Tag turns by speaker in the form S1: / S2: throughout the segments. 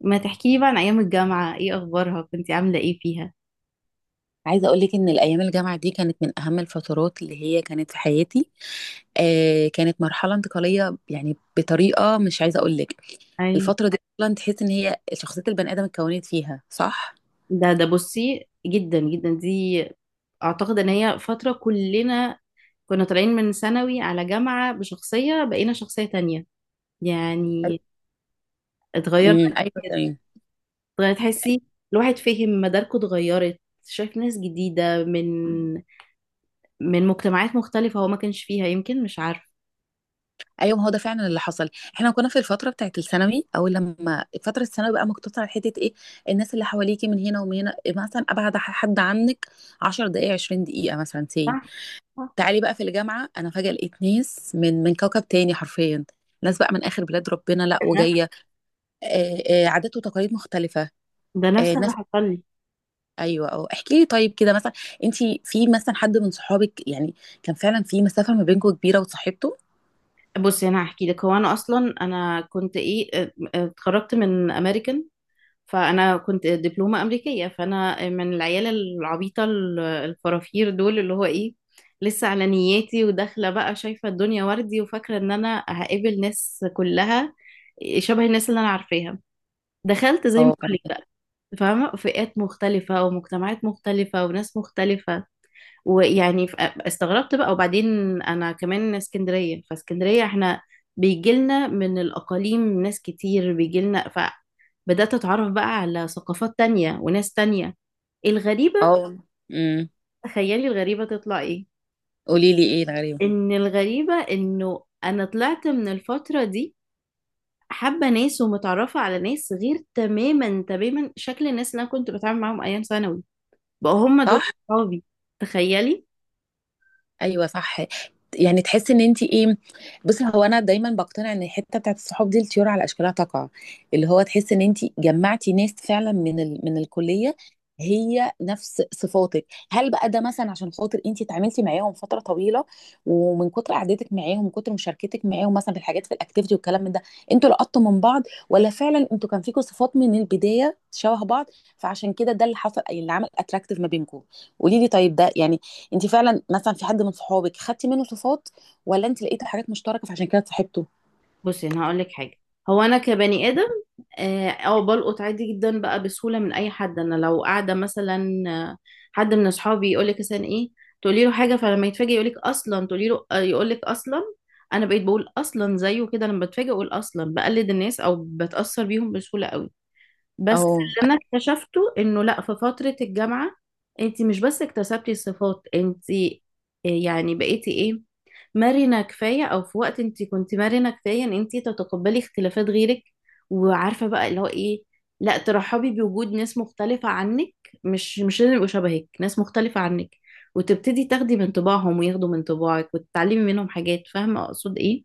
S1: ما تحكيلي بقى عن ايام الجامعه ايه اخبارها كنتي عامله ايه فيها؟
S2: عايزه اقول لك ان الايام الجامعه دي كانت من اهم الفترات اللي هي كانت في حياتي. كانت مرحله انتقاليه، يعني بطريقه مش عايزه اقول لك.
S1: أي.
S2: الفتره دي اصلا تحس ان هي شخصيه البني ادم اتكونت فيها، صح؟
S1: ده بصي جدا جدا دي. اعتقد ان هي فتره كلنا كنا طالعين من ثانوي على جامعه بشخصيه، بقينا شخصيه تانية. يعني اتغيرنا
S2: امم، ايوه،
S1: كتير.
S2: تمام.
S1: اتغيرت تحسي، الواحد فهم مداركه اتغيرت. شايف ناس جديده من مجتمعات مختلفه هو ما كانش فيها، يمكن مش عارف.
S2: ايوه، ما هو ده فعلا اللي حصل. احنا كنا في الفتره بتاعت الثانوي، او لما فتره الثانوي بقى مقتصره على حته ايه، الناس اللي حواليكي من هنا ومن هنا. مثلا ابعد حد عنك 10 دقائق، 20 دقيقه مثلا سي.
S1: صح. صح.
S2: تعالي بقى في الجامعة، أنا فجأة لقيت ناس من كوكب تاني حرفيا. ناس بقى من آخر بلاد ربنا لا
S1: ده نفس
S2: وجاية. عادات وتقاليد مختلفة.
S1: ده نفس اللي
S2: ناس.
S1: حصل لي.
S2: أيوة، احكي لي طيب كده مثلا. أنتي في مثلا حد من صحابك، يعني كان فعلا في مسافة ما بينكم كبيرة وصاحبته؟
S1: بصي انا هحكي لك. هو انا اصلا كنت ايه، اتخرجت من امريكان، فانا كنت دبلومه امريكيه، فانا من العيال العبيطه الفرافير دول اللي هو ايه، لسه على نياتي وداخله بقى شايفه الدنيا وردي وفاكره ان انا هقابل ناس كلها شبه الناس اللي انا عارفاها. دخلت زي ما
S2: أه
S1: بقول
S2: كان
S1: لك بقى، فاهمه، فئات مختلفه ومجتمعات مختلفه وناس مختلفه، ويعني استغربت بقى. وبعدين انا كمان اسكندريه، فاسكندريه احنا بيجيلنا من الاقاليم ناس كتير بيجيلنا. فبدات اتعرف بقى على ثقافات تانية وناس تانية. الغريبه،
S2: أه أمم
S1: تخيلي الغريبه تطلع ايه؟
S2: قولي لي إيه الغريبة؟
S1: ان الغريبه انه انا طلعت من الفتره دي حابه ناس ومتعرفه على ناس غير تماما تماما شكل الناس اللي انا كنت بتعامل معاهم ايام ثانوي. بقى هم دول
S2: صح؟
S1: صحابي. تخيلي.
S2: ايوه، صح. يعني تحس ان انت ايه. بصي، هو انا دايما بقتنع ان الحته بتاعت الصحاب دي الطيور على اشكالها تقع. اللي هو تحس ان انت جمعتي ناس فعلا من الكليه، هي نفس صفاتك. هل بقى ده مثلا عشان خاطر انت اتعاملتي معاهم فتره طويله، ومن كتر قعدتك معاهم، من كتر مشاركتك معاهم مثلا في الحاجات، في الاكتيفيتي والكلام من ده، انتوا لقطتوا من بعض؟ ولا فعلا انتوا كان فيكم صفات من البدايه شبه بعض، فعشان كده ده اللي حصل، اللي عمل اتراكتيف ما بينكم؟ قولي لي طيب، ده يعني انت فعلا مثلا في حد من صحابك خدتي منه صفات، ولا انت لقيتي حاجات مشتركه فعشان كده صاحبته؟
S1: بصي انا هقول لك حاجه. هو انا كبني ادم، او بلقط عادي جدا بقى بسهوله من اي حد. انا لو قاعده مثلا، حد من اصحابي يقول لك مثلا ايه، تقولي له حاجه فلما يتفاجئ يقول لك اصلا، تقولي له يقول لك اصلا. انا بقيت بقول اصلا زيه كده، لما بتفاجئ اقول اصلا، بقلد الناس او بتاثر بيهم بسهوله قوي. بس
S2: او،
S1: اللي انا اكتشفته انه لا، في فترة الجامعة انت مش بس اكتسبتي صفات، انت يعني بقيتي ايه، مرنة كفاية، او في وقت انت كنت مرنة كفاية ان انت تتقبلي اختلافات غيرك. وعارفة بقى اللي هو ايه، لا ترحبي بوجود ناس مختلفة عنك. مش لازم يبقوا شبهك، ناس مختلفة عنك. وتبتدي تاخدي من طباعهم وياخدوا من طباعك وتتعلمي منهم حاجات. فاهمة اقصد ايه؟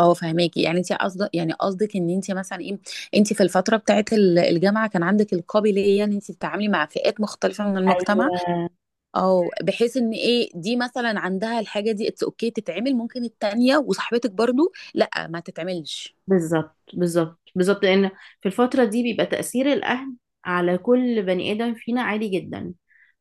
S2: او فهماكي؟ يعني انت قصدك، يعني قصدك ان انت مثلا ايه، انت في الفتره بتاعت الجامعه كان عندك القابليه ان انت تتعاملي مع فئات مختلفه من
S1: ايوه
S2: المجتمع. او بحيث ان ايه، دي مثلا عندها الحاجه دي اتس اوكي تتعمل، ممكن التانيه وصاحبتك برضو لا ما تتعملش.
S1: بالظبط بالظبط بالظبط، لان في الفتره دي بيبقى تاثير الاهل على كل بني ادم فينا عالي جدا.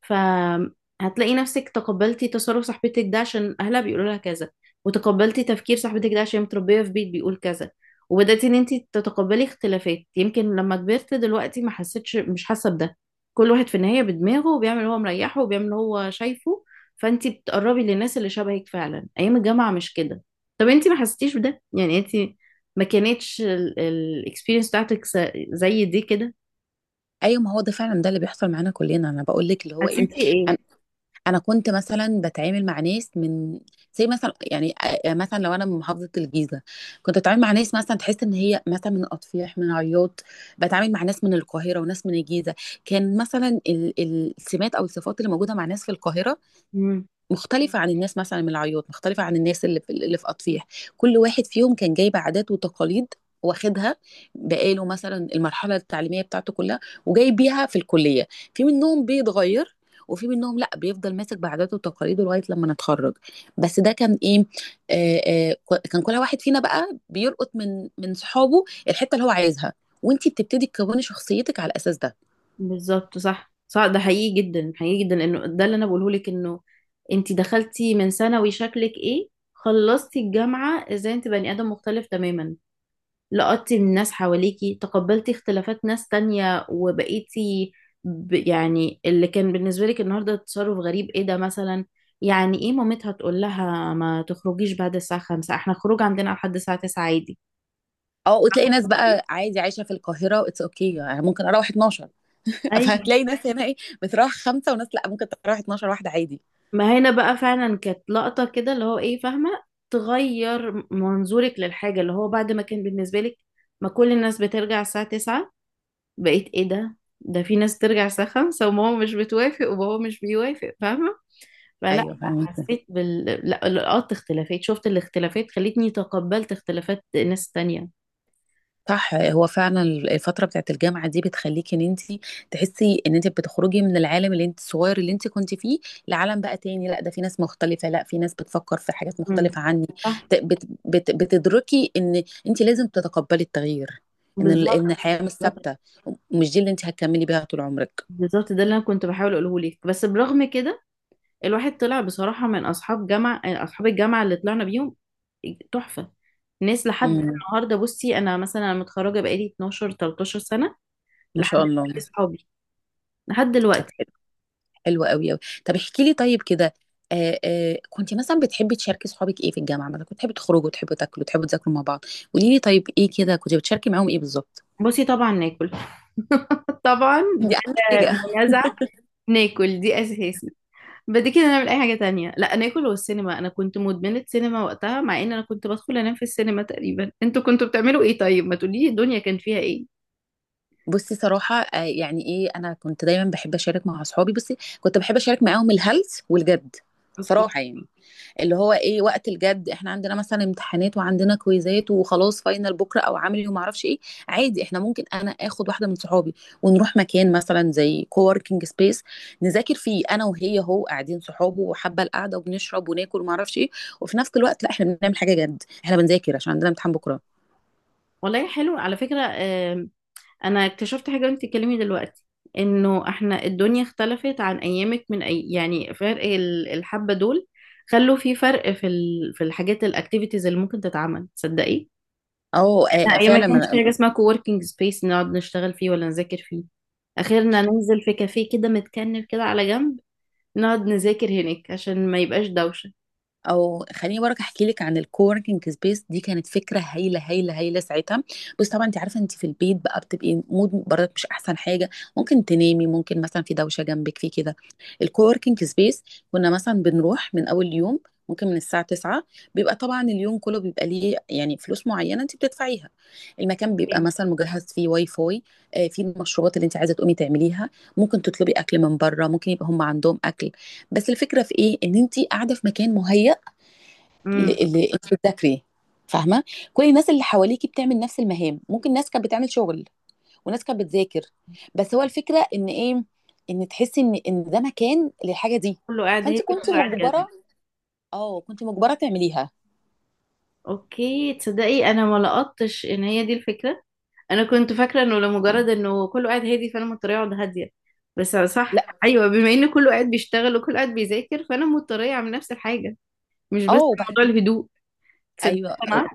S1: فهتلاقي نفسك تقبلتي تصرف صاحبتك ده عشان اهلها بيقولوا لها كذا، وتقبلتي تفكير صاحبتك ده عشان متربيه في بيت بيقول كذا. وبدأتي ان انت تتقبلي اختلافات. يمكن لما كبرت دلوقتي ما حسيتش، مش حاسه بده. كل واحد في النهايه بدماغه، وبيعمل هو مريحه وبيعمل هو شايفه. فانت بتقربي للناس اللي شبهك فعلا ايام الجامعه، مش كده؟ طب انت ما حسيتيش بده يعني؟ انت ما كانتش الاكسبيرينس بتاعتك زي دي كده؟
S2: ايوه، ما هو ده فعلا ده اللي بيحصل معانا كلنا، انا بقول لك اللي هو ايه.
S1: حسيتي ايه؟
S2: انا كنت مثلا بتعامل مع ناس من، زي مثلا، يعني مثلا لو انا من محافظه الجيزه، كنت بتعامل مع ناس مثلا تحس ان هي مثلا من اطفيح، من عياط، بتعامل مع ناس من القاهره وناس من الجيزه. كان مثلا السمات او الصفات اللي موجوده مع ناس في القاهره
S1: امم.
S2: مختلفة عن الناس مثلا من العياط، مختلفة عن الناس اللي في أطفيح. كل واحد فيهم كان جايب عادات وتقاليد واخدها بقاله مثلا المرحلة التعليمية بتاعته كلها، وجاي بيها في الكلية. في منهم بيتغير، وفي منهم لا، بيفضل ماسك بعاداته وتقاليده لغاية لما نتخرج. بس ده كان ايه، كان كل واحد فينا بقى بيلقط من صحابه الحتة اللي هو عايزها، وانتي بتبتدي تكوني شخصيتك على الاساس ده.
S1: بالظبط. صح صح، ده حقيقي جدا، حقيقي جدا. انه ده اللي انا بقوله لك، انه انت دخلتي من ثانوي شكلك ايه، خلصتي الجامعة ازاي انت بني ادم مختلف تماما. لقطتي من ناس حواليكي، تقبلتي اختلافات ناس تانية وبقيتي يعني اللي كان بالنسبة لك النهاردة تصرف غريب ايه ده مثلا، يعني ايه مامتها تقول لها ما تخرجيش بعد الساعة خمسة، احنا خروج عندنا لحد الساعة تسعة عادي.
S2: اه، وتلاقي ناس
S1: قصدي.
S2: بقى عادي عايشه في القاهره اتس اوكي okay. يعني ممكن اروح 12.
S1: ايوه.
S2: فهتلاقي ناس هنا ايه، بتروح خمسه، وناس لا ممكن تروح 12 واحده عادي.
S1: ما هنا بقى فعلا كانت لقطة كده اللي هو ايه، فاهمة، تغير منظورك للحاجة، اللي هو بعد ما كان بالنسبة لك ما كل الناس بترجع الساعة 9، بقيت ايه ده، ده في ناس ترجع الساعة 5 وماما مش بتوافق وبابا مش بيوافق، فاهمة؟ فلا
S2: ايوه، فاهمة.
S1: حسيت بال، لا لقطت اختلافات، شفت الاختلافات خلتني تقبلت اختلافات ناس تانية.
S2: صح، هو فعلا الفتره بتاعت الجامعه دي بتخليكي ان انت تحسي ان انت بتخرجي من العالم اللي انت الصغير اللي انت كنت فيه، لعالم بقى تاني، لا ده في ناس مختلفه، لا في ناس بتفكر في حاجات
S1: مم.
S2: مختلفه عني.
S1: صح.
S2: ت- بت بت بتدركي ان انت لازم تتقبلي التغيير، ان ال-
S1: بالظبط
S2: ان الحياه مش
S1: بالظبط
S2: ثابته، مش دي اللي انت هتكملي بيها طول عمرك.
S1: بالظبط، ده اللي انا كنت بحاول اقوله لك. بس برغم كده الواحد طلع بصراحة من أصحاب جامعة، أصحاب الجامعة اللي طلعنا بيهم تحفة. ناس لحد
S2: امم،
S1: النهاردة. بصي أنا مثلا أنا متخرجة بقالي 12 13 سنة.
S2: ما
S1: لحد
S2: شاء
S1: دلوقتي
S2: الله.
S1: صحابي، لحد
S2: طب،
S1: دلوقتي.
S2: حلو قوي قوي. طب احكي لي طيب كده، كنت مثلا بتحبي تشاركي صحابك ايه في الجامعه؟ مثلا كنت تحبي تخرجوا، تحبوا تاكلوا، تحبوا تذاكروا مع بعض؟ قولي لي طيب، ايه كده كنت بتشاركي معاهم ايه بالظبط؟
S1: بصي طبعا ناكل. طبعا
S2: دي اهم
S1: بلا
S2: حاجه.
S1: منازع. ناكل دي أساسي. بعد كده نعمل أي حاجة تانية. لا ناكل والسينما، أنا كنت مدمنة سينما وقتها، مع إن أنا كنت بدخل أنام في السينما تقريبا. أنتوا كنتوا بتعملوا إيه طيب؟ ما تقولي الدنيا كان فيها إيه.
S2: بصي، صراحه يعني ايه، انا كنت دايما بحب اشارك مع اصحابي، بصي كنت بحب اشارك معاهم الهلس والجد.
S1: أوكي.
S2: صراحه يعني، اللي هو ايه، وقت الجد احنا عندنا مثلا امتحانات وعندنا كويزات وخلاص فاينل بكره او عملي وما اعرفش ايه. عادي احنا ممكن انا اخد واحده من صحابي ونروح مكان مثلا زي كووركينج سبيس، نذاكر فيه انا وهي، هو قاعدين صحابه وحابه القعده، وبنشرب وناكل وما اعرفش ايه، وفي نفس الوقت لا احنا بنعمل حاجه جد، احنا بنذاكر عشان عندنا امتحان بكره.
S1: والله حلو على فكرة. انا اكتشفت حاجه وانت بتتكلمي دلوقتي، انه احنا الدنيا اختلفت عن ايامك. من يعني فرق الحبه دول خلوا في فرق في في الحاجات الاكتيفيتيز اللي ممكن تتعمل، تصدقي؟
S2: اه،
S1: احنا ايام ما كانش في
S2: فعلا.
S1: حاجه اسمها كووركينج سبيس نقعد نشتغل فيه ولا نذاكر فيه. اخرنا ننزل في كافيه كده متكنف كده على جنب، نقعد نذاكر هناك عشان ما يبقاش دوشه.
S2: او خليني برك احكي لك عن الكووركينج سبيس دي، كانت فكره هايله هايله هايله ساعتها. بس طبعا انت عارفه انت في البيت بقى بتبقي مود برضك مش احسن حاجه، ممكن تنامي، ممكن مثلا في دوشه جنبك، في كده. الكووركينج سبيس، كنا مثلا بنروح من اول يوم، ممكن من الساعة 9. بيبقى طبعا اليوم كله بيبقى ليه يعني فلوس معينة انت بتدفعيها. المكان بيبقى مثلا مجهز فيه واي فاي، فيه المشروبات اللي انت عايزة تقومي تعمليها. ممكن تطلبي اكل من بره، ممكن يبقى هم عندهم اكل. بس الفكرة في ايه، ان انت قاعدة في مكان مهيأ اللي,
S1: امم.
S2: اللي انت بتذاكري، فاهمه؟ كل الناس اللي حواليكي بتعمل نفس المهام، ممكن ناس كانت بتعمل شغل وناس كانت بتذاكر، بس هو الفكره ان ايه، ان تحسي ان ده مكان للحاجه دي.
S1: كله قاعد هادي
S2: فانت كنت
S1: كله قاعد جد.
S2: مجبره، اه كنت مجبره تعمليها.
S1: اوكي تصدقي، انا ما لقطتش ان هي دي الفكره. انا كنت فاكره انه لمجرد انه كله قاعد هادي فانا مضطره اقعد هاديه. بس صح،
S2: لا،
S1: ايوه، بما ان كله قاعد بيشتغل وكله قاعد بيذاكر فانا مضطره اعمل نفس الحاجه. مش
S2: اه
S1: بس
S2: وبعد،
S1: موضوع الهدوء، تصدق؟
S2: ايوه،
S1: معاك.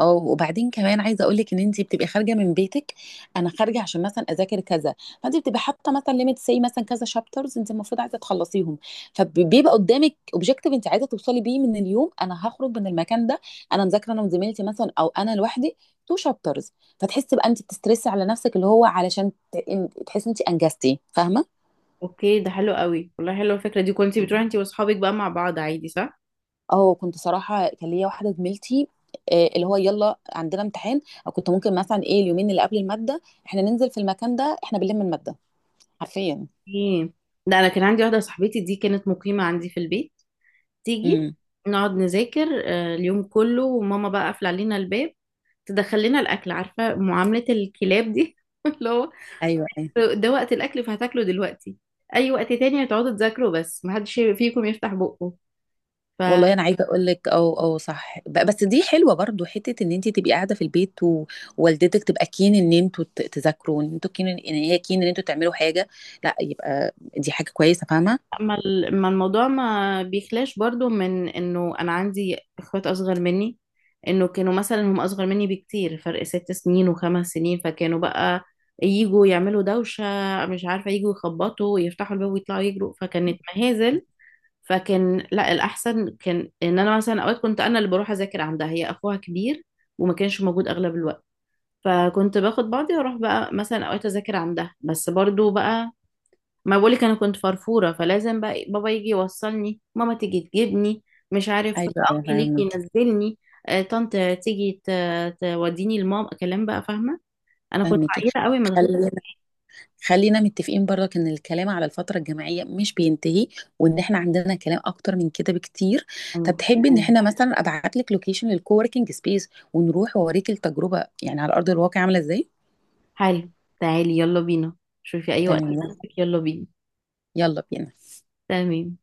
S2: اه وبعدين كمان عايزه اقول لك ان انت بتبقي خارجه من بيتك. انا خارجه عشان مثلا اذاكر كذا، فانت بتبقي حاطه مثلا ليميت سي مثلا كذا شابترز، انت المفروض عايزه تخلصيهم. فبيبقى قدامك اوبجيكتيف انت عايزه توصلي بيه من اليوم، انا هخرج من المكان ده انا مذاكره انا وزميلتي مثلا او انا لوحدي، تو شابترز. فتحسي بقى انت بتسترسي على نفسك اللي هو علشان تحسي انت انجزتي، فاهمه؟
S1: اوكي ده حلو قوي، والله حلوه الفكره دي. كنتي بتروحي انتي واصحابك بقى مع بعض عادي، صح؟
S2: اه، كنت صراحة كان ليا واحدة زميلتي، اللي هو يلا عندنا امتحان. او كنت ممكن مثلا ايه، اليومين اللي قبل المادة احنا ننزل في المكان ده احنا بنلم المادة حرفيا.
S1: ايه ده، انا كان عندي واحده صاحبتي دي كانت مقيمه عندي في البيت. تيجي
S2: امم،
S1: نقعد نذاكر اليوم كله، وماما بقى قافله علينا الباب، تدخل لنا الاكل، عارفه، معامله الكلاب دي اللي هو
S2: ايوه، ايوه.
S1: ده وقت الاكل فهتاكله دلوقتي، اي وقت تاني هتقعدوا تذاكروا بس محدش فيكم يفتح بقه. فما
S2: والله انا عايزه اقول لك او، او صح، بس دي حلوه برضو حته ان انت تبقي قاعده في البيت، ووالدتك تبقى كين ان انتوا تذاكروا، ان انتوا كين ان هي كين ان انتوا تعملوا حاجه، لا يبقى دي حاجه كويسه، فاهمه؟
S1: ما الموضوع ما بيخلاش برضو من انه انا عندي اخوات اصغر مني، انه كانوا مثلا هم اصغر مني بكتير، فرق ست سنين وخمس سنين، فكانوا بقى يجوا يعملوا دوشة، مش عارفة، يجوا يخبطوا ويفتحوا الباب ويطلعوا يجروا، فكانت مهازل. فكان لا، الأحسن كان إن أنا مثلا أوقات كنت أنا اللي بروح أذاكر عندها. هي أخوها كبير وما كانش موجود أغلب الوقت. فكنت باخد بعضي واروح بقى مثلا اوقات اذاكر عندها. بس برضو بقى، ما بقولك انا كنت فرفوره، فلازم بقى إيه، بابا يجي يوصلني، ماما تيجي تجيبني، مش عارف
S2: ايوه، انا
S1: اخي ليك
S2: فاهمك،
S1: ينزلني، طنط تيجي توديني لماما، كلام بقى، فاهمه. انا كنت
S2: فاهمك.
S1: عيله قوي ما دخلت.
S2: خلينا خلينا متفقين برضك ان الكلام على الفتره الجامعيه مش بينتهي، وان احنا عندنا كلام اكتر من كده بكتير. طب تحبي ان احنا مثلا ابعت لك لوكيشن للكووركينج سبيس ونروح واوريك التجربه، يعني على ارض الواقع عامله ازاي؟
S1: حالي، تعالي يلا بينا. شوفي اي وقت
S2: تمام،
S1: يناسبك، يلا بينا.
S2: يلا بينا.
S1: تمام.